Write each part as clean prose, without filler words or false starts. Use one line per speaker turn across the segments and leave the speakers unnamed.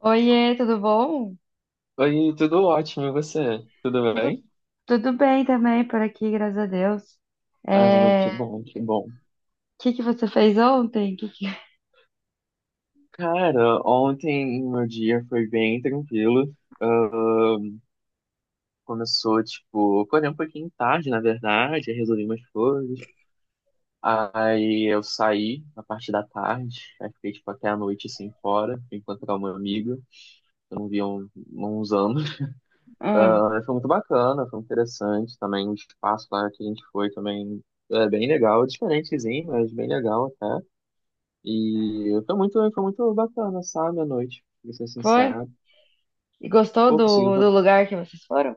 Oiê, tudo bom?
Oi, tudo ótimo, e você? Tudo
Tudo,
bem?
tudo bem também por aqui, graças a Deus.
Ah, que
É, o
bom, que bom.
Que que você fez ontem? Que-
Cara, ontem meu dia foi bem tranquilo. Ah, começou, tipo, acordei um pouquinho tarde, na verdade, aí resolvi umas coisas. Aí eu saí na parte da tarde, aí fiquei, tipo, até a noite, assim, fora, fui encontrar uma amiga, que eu não via há um, uns anos.
Hum,
Ah, foi muito bacana, foi interessante também, o espaço lá que a gente foi também é bem legal, diferentezinho, mas bem legal até. E foi muito bacana, sabe, a noite, pra ser
foi?
sincero.
E gostou
Pô, conseguiu.
do lugar que vocês foram?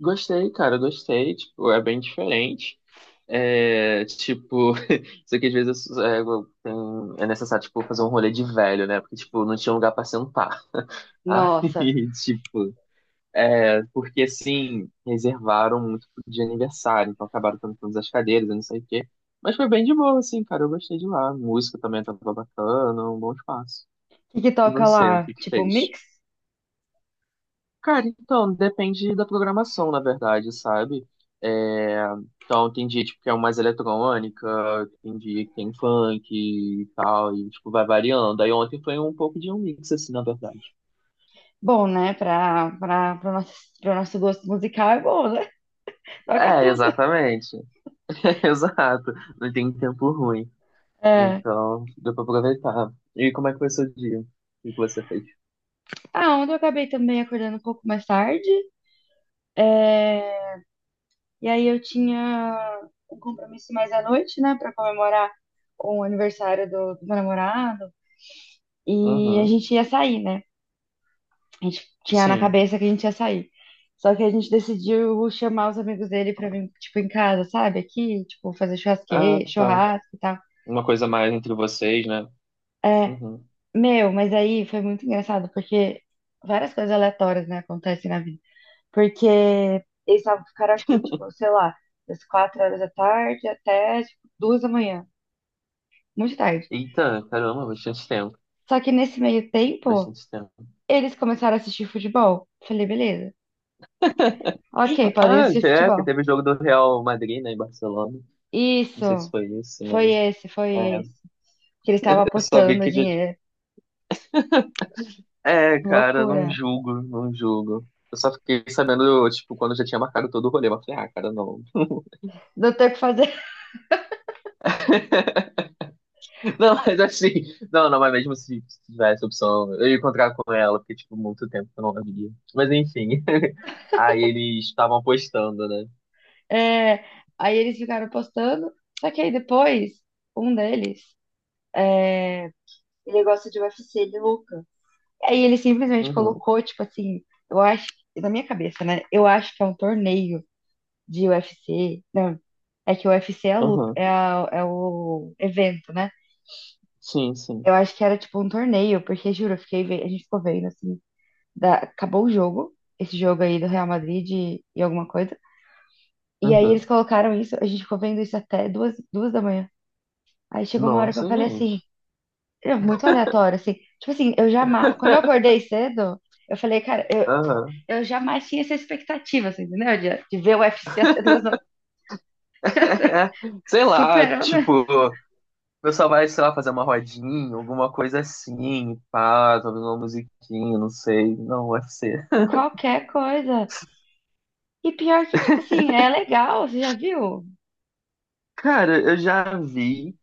Gostei, cara, gostei. Tipo, é bem diferente. É, tipo, isso aqui às vezes é, tem- é necessário, tipo, fazer um rolê de velho, né? Porque, tipo, não tinha lugar pra sentar.
Nossa,
Aí, tipo, é, porque assim, reservaram muito de aniversário, então acabaram tendo todas as cadeiras, eu não sei o quê. Mas foi bem de boa, assim, cara, eu gostei de lá. Música também tava bacana, um bom espaço.
o que que
E
toca
você, o
lá?
que que
Tipo um
fez?
mix?
Cara, então, depende da programação, na verdade, sabe? É, então, tem dia, tipo, que é mais eletrônica, tem dia que tem funk e tal, e, tipo, vai variando. Aí ontem foi um pouco de um mix, assim, na verdade.
Bom, né? Pro nosso gosto musical é bom, né? Toca
É,
tudo.
exatamente. Exato. Não tem tempo ruim.
É.
Então, deu pra aproveitar. E como é que foi seu dia? O que que você fez?
Ah, ontem eu acabei também acordando um pouco mais tarde. É, E aí eu tinha um compromisso mais à noite, né, pra comemorar o aniversário do meu namorado. E a
Uhum.
gente ia sair, né? A gente tinha na
Sim.
cabeça que a gente ia sair. Só que a gente decidiu chamar os amigos dele pra vir, tipo, em casa, sabe? Aqui, tipo, fazer
Ah, tá.
churrasco e tal.
Uma coisa mais entre vocês, né?
É,
Uhum.
meu, mas aí foi muito engraçado, porque várias coisas aleatórias, né, acontecem na vida. Porque eles tavam- ficaram aqui, tipo, sei lá, das 4 horas da tarde até, tipo, 2 da manhã. Muito tarde.
Eita, caramba, bastante tempo.
Só que nesse meio tempo,
Bastante tempo.
eles começaram a assistir futebol. Falei, beleza. Ok, podem
Ah,
assistir
é, porque
futebol.
teve o jogo do Real Madrid, né, em Barcelona. Não sei se
Isso,
foi isso,
foi
mas.
esse, foi
É,
esse. Que eles estavam
eu só vi
apostando
que já.
dinheiro.
É, cara, não
Loucura.
julgo, não julgo. Eu só fiquei sabendo, tipo, quando já tinha marcado todo o rolê. Mas eu falei, ah, cara, não.
Não tem o que fazer.
Não, mas assim. Não, não, mas mesmo se tivesse opção, eu ia encontrar com ela, porque, tipo, muito tempo que eu não a via. Mas enfim. Aí eles estavam apostando, né?
É, aí eles ficaram apostando. Só que aí depois, um deles, é, ele gosta de UFC, de louca. Aí ele simplesmente
Uhum,
colocou, tipo assim, eu acho, na minha cabeça, né? Eu acho que é um torneio de UFC. Não, é que o UFC é a luta,
uhum.
é, a- é o evento, né?
Sim, sim.
Eu acho que era tipo um torneio, porque juro, eu fiquei, ve- a gente ficou vendo assim, da- acabou o jogo, esse jogo aí do Real Madrid e alguma coisa. E aí eles
Uhum.
colocaram isso, a gente ficou vendo isso até duas da manhã. Aí chegou uma hora que eu
Nossa,
falei
gente.
assim, é muito aleatório, assim. Tipo assim, eu jamais. Quando eu acordei cedo, eu falei, cara,
Aham.
eu jamais tinha essa expectativa, assim, entendeu? De ver o UFC até 2 da manhã. Assim,
Sei lá,
superou minha-
tipo, o pessoal vai, sei lá, fazer uma rodinha, alguma coisa assim, pá, talvez uma musiquinha, não sei. Não, UFC.
qualquer coisa. E pior que, tipo assim, é legal, você já viu? O
Cara, eu já vi,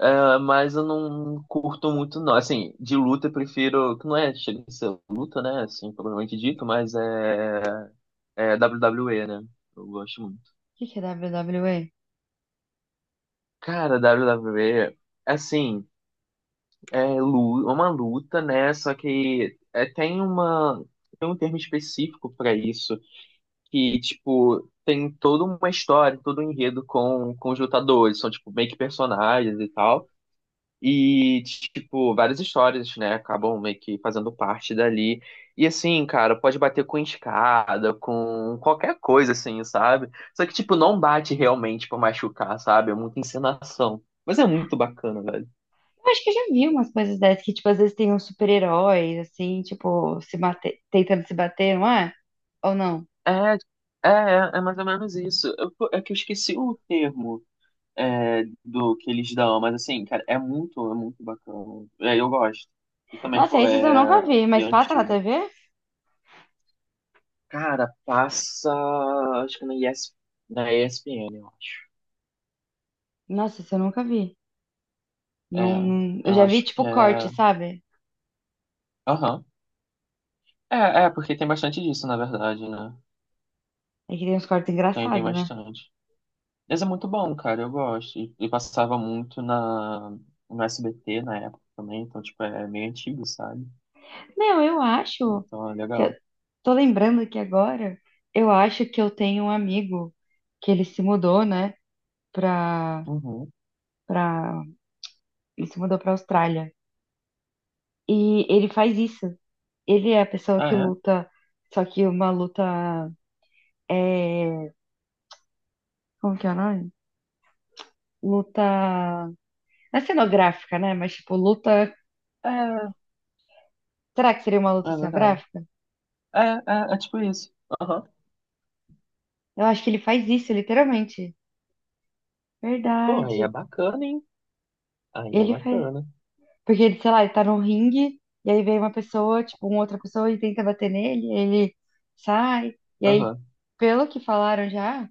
mas eu não curto muito, não. Assim, de luta eu prefiro, que não é, chega a ser luta, né, assim, propriamente dito, mas é, é WWE, né? Eu gosto muito.
que que é WWE?
Cara, WWE, assim, uma luta, né, só que é, tem um termo específico para isso. Que, tipo, tem toda uma história, todo um enredo com os lutadores, são, tipo, meio que personagens e tal. E, tipo, várias histórias, né, acabam meio que fazendo parte dali. E, assim, cara, pode bater com escada, com qualquer coisa, assim, sabe? Só que, tipo, não bate realmente pra machucar, sabe? É muita encenação. Mas é muito bacana, velho.
Eu acho que eu já vi umas coisas dessas, que, tipo, às vezes tem uns super-heróis, assim, tipo, se mate... tentando se bater, não é? Ou não?
É, é mais ou menos isso. É que eu esqueci o termo. É, do que eles dão, mas assim, cara, é muito bacana. É, eu gosto. E também,
Nossa,
pô,
esses eu
é
nunca vi, mas passa na
diante.
TV?
Cara, passa. Acho que na ES, na ESPN, eu acho.
Nossa, isso eu nunca vi.
É,
Não, não... Eu
eu
já vi,
acho que
tipo, corte,
é.
sabe?
Aham. É, é, porque tem bastante disso, na verdade, né?
É que tem uns cortes
Tem, tem
engraçados, né?
bastante. Mas é muito bom, cara, eu gosto. E, no SBT na época também, então, tipo, é meio antigo, sabe?
Meu, eu acho
Então é
que... Eu...
legal.
Tô lembrando aqui agora, eu acho que eu tenho um amigo que ele se mudou, né, pra...
Uhum.
pra e se mudou pra Austrália. E ele faz isso. Ele é a pessoa que
Ah,
luta, só que uma luta é, como que é o nome? Luta, não é cenográfica, né? Mas tipo, luta,
é?
será que seria uma
É,
luta
é verdade.
cenográfica?
É, é tipo isso. Aham.
Eu acho que ele faz isso, literalmente.
Pô, aí é
Verdade.
bacana, hein? Aí é
Ele faz,
bacana.
porque ele, sei lá, ele tá num ringue e aí vem uma pessoa, tipo, uma outra pessoa e tenta bater nele, ele sai e aí,
Aham.
pelo que falaram já,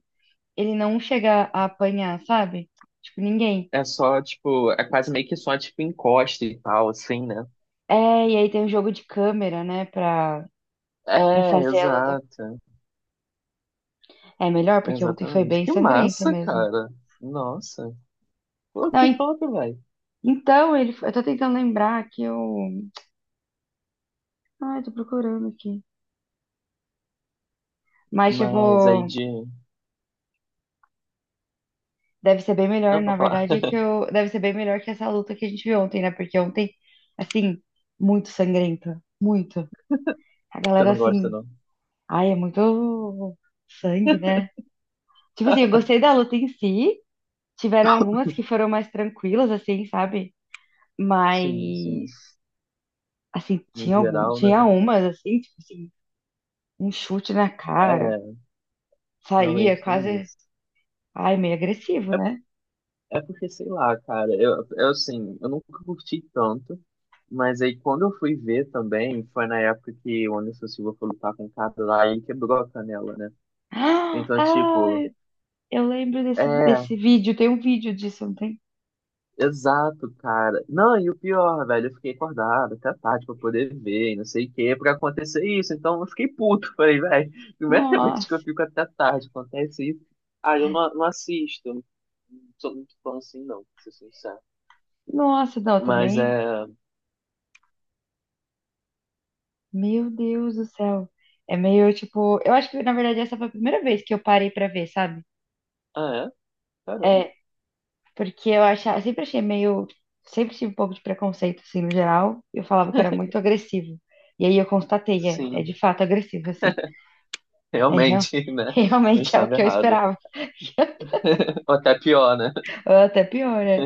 ele não chega a apanhar, sabe? Tipo, ninguém.
É só, tipo, é quase meio que só, tipo, encosta e tal, assim, né?
É, e aí tem o jogo de câmera, né, pra
É,
fazer a luta.
exato.
É melhor, porque ontem foi
Exatamente.
bem
Que
sangrento
massa,
mesmo.
cara. Nossa. Pô,
Não,
que
en-
top, velho.
então, ele, foi- eu tô tentando lembrar que eu. Ai, tô procurando aqui. Mas,
Mas aí
tipo,
de.
deve ser bem melhor,
Não, pra
na
falar.
verdade, é que eu. Deve ser bem melhor que essa luta que a gente viu ontem, né? Porque ontem, assim, muito sangrenta. Muito. A
Você
galera,
não gosta,
assim.
não.
Ai, é muito sangue, né? Tipo assim, eu gostei da luta em si. Tiveram algumas que foram mais tranquilas, assim, sabe?
Sim,
Mas,
sim.
assim,
No
tinha algum,
geral, né?
tinha umas, assim, tipo assim, um chute na cara,
É,
saía
realmente
quase,
tem isso.
ai, meio agressivo, né?
É porque, sei lá, cara, eu assim, eu nunca curti tanto, mas aí quando eu fui ver também, foi na época que o Anderson Silva foi lutar com o cara lá e quebrou a canela, né?
Ah,
Então, tipo,
ai, eu lembro desse,
é,
desse vídeo, tem um vídeo disso, não tem?
exato, cara. Não, e o pior, velho, eu fiquei acordado até tarde pra poder ver e não sei o que, pra acontecer isso. Então eu fiquei puto, falei, velho, primeira vez que eu
Nossa,
fico até tarde, acontece isso. Ah, eu não, não assisto, não sou muito fã assim, não, pra ser sincero.
nossa, não,
Mas
também,
é.
meu Deus do céu. É meio, tipo, eu acho que, na verdade, essa foi a primeira vez que eu parei pra ver, sabe?
Ah, é? Caramba.
É, porque eu achava, eu sempre achei meio, sempre tive um pouco de preconceito, assim, no geral. Eu falava que era muito agressivo. E aí eu constatei, é, é de
Sim,
fato agressivo, assim. É real,
realmente, né? Não
realmente é o
estava
que eu
errado.
esperava.
Ou até pior, né?
Ou até pior, né?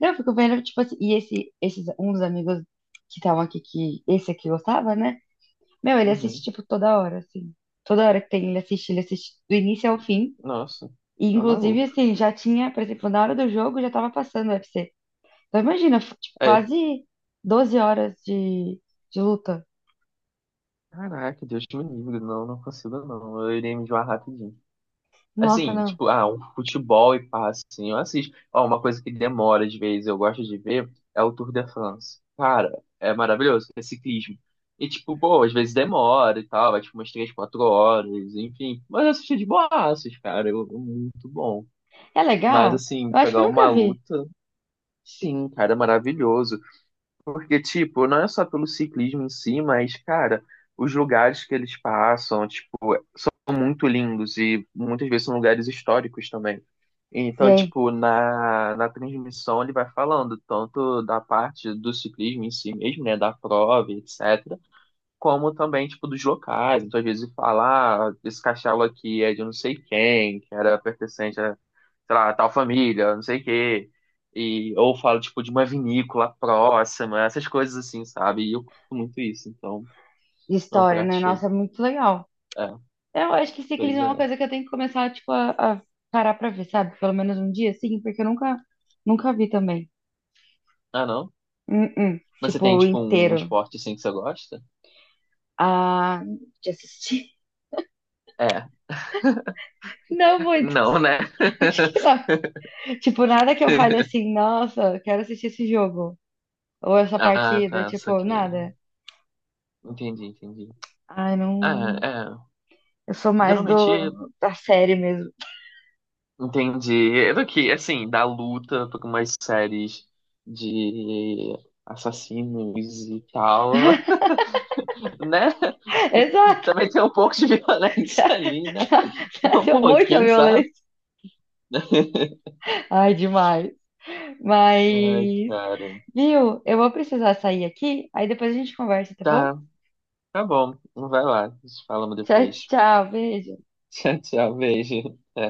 Não, eu fico vendo, tipo assim, um dos amigos que estavam aqui, que esse aqui gostava, né? Meu, ele assiste,
Uhum.
tipo, toda hora, assim. Toda hora que tem, ele assiste do início ao fim.
Nossa,
E,
tá
inclusive,
maluco.
assim, já tinha, por exemplo, na hora do jogo já tava passando o UFC. Então imagina, foi, tipo,
É.
quase 12 horas de luta.
Caraca, Deus me livre. Não, não consigo, não. Eu irei me enjoar rapidinho.
Nossa,
Assim,
não.
tipo, ah, um futebol e pá assim, eu assisto. Ó, uma coisa que demora às vezes, eu gosto de ver, é o Tour de France. Cara, é maravilhoso, é ciclismo. E, tipo, pô, às vezes demora e tal, vai, tipo, umas três, quatro horas, enfim. Mas eu assisti de boas, cara, eu, é muito bom.
É
Mas,
legal?
assim,
Eu acho que eu
pegar
nunca
uma
vi.
luta, sim, cara, é maravilhoso. Porque, tipo, não é só pelo ciclismo em si, mas, cara, os lugares que eles passam, tipo, são muito lindos e muitas vezes são lugares históricos também.
E
Então,
aí,
tipo, na transmissão ele vai falando tanto da parte do ciclismo em si mesmo, né, da prova, etc., como também, tipo, dos locais. Então, às vezes, falar, ah, esse castelo aqui é de não sei quem, que era pertencente a, sei lá, a tal família, não sei o quê. E, ou fala, tipo, de uma vinícola próxima, essas coisas assim, sabe? E eu curto muito isso, então, é um
história,
prato
né?
cheio.
Nossa, é muito legal.
É,
Eu acho que
pois
ciclismo é uma
é.
coisa que eu tenho que começar, tipo, a parar pra ver, sabe? Pelo menos um dia, sim, porque eu nunca, nunca vi também.
Ah, não?
Uh-uh.
Mas você tem,
Tipo,
tipo, um
inteiro.
esporte assim que você gosta?
Ah, de assistir.
É.
Não muito.
Não, né?
Tipo, nada que eu fale assim, nossa, quero assistir esse jogo. Ou essa
Ah,
partida,
tá,
tipo,
saquei.
nada.
Entendi, entendi.
Ai, não.
Ah,
Eu sou
é.
mais
Geralmente.
do da série mesmo.
Entendi. É do que, assim, da luta por umas séries de assassinos e tal, né?
Exato.
Também tem um pouco de violência
Já,
ali, né?
já, já
Só um
deu muita
pouquinho, sabe?
violência. Ai, demais. Mas,
Ai, cara.
viu? Eu vou precisar sair aqui, aí depois a gente conversa, tá bom?
Tá, tá bom. Vai lá. Falamos
Tchau,
depois.
tchau, beijo.
Tchau, tchau. Beijo. Até.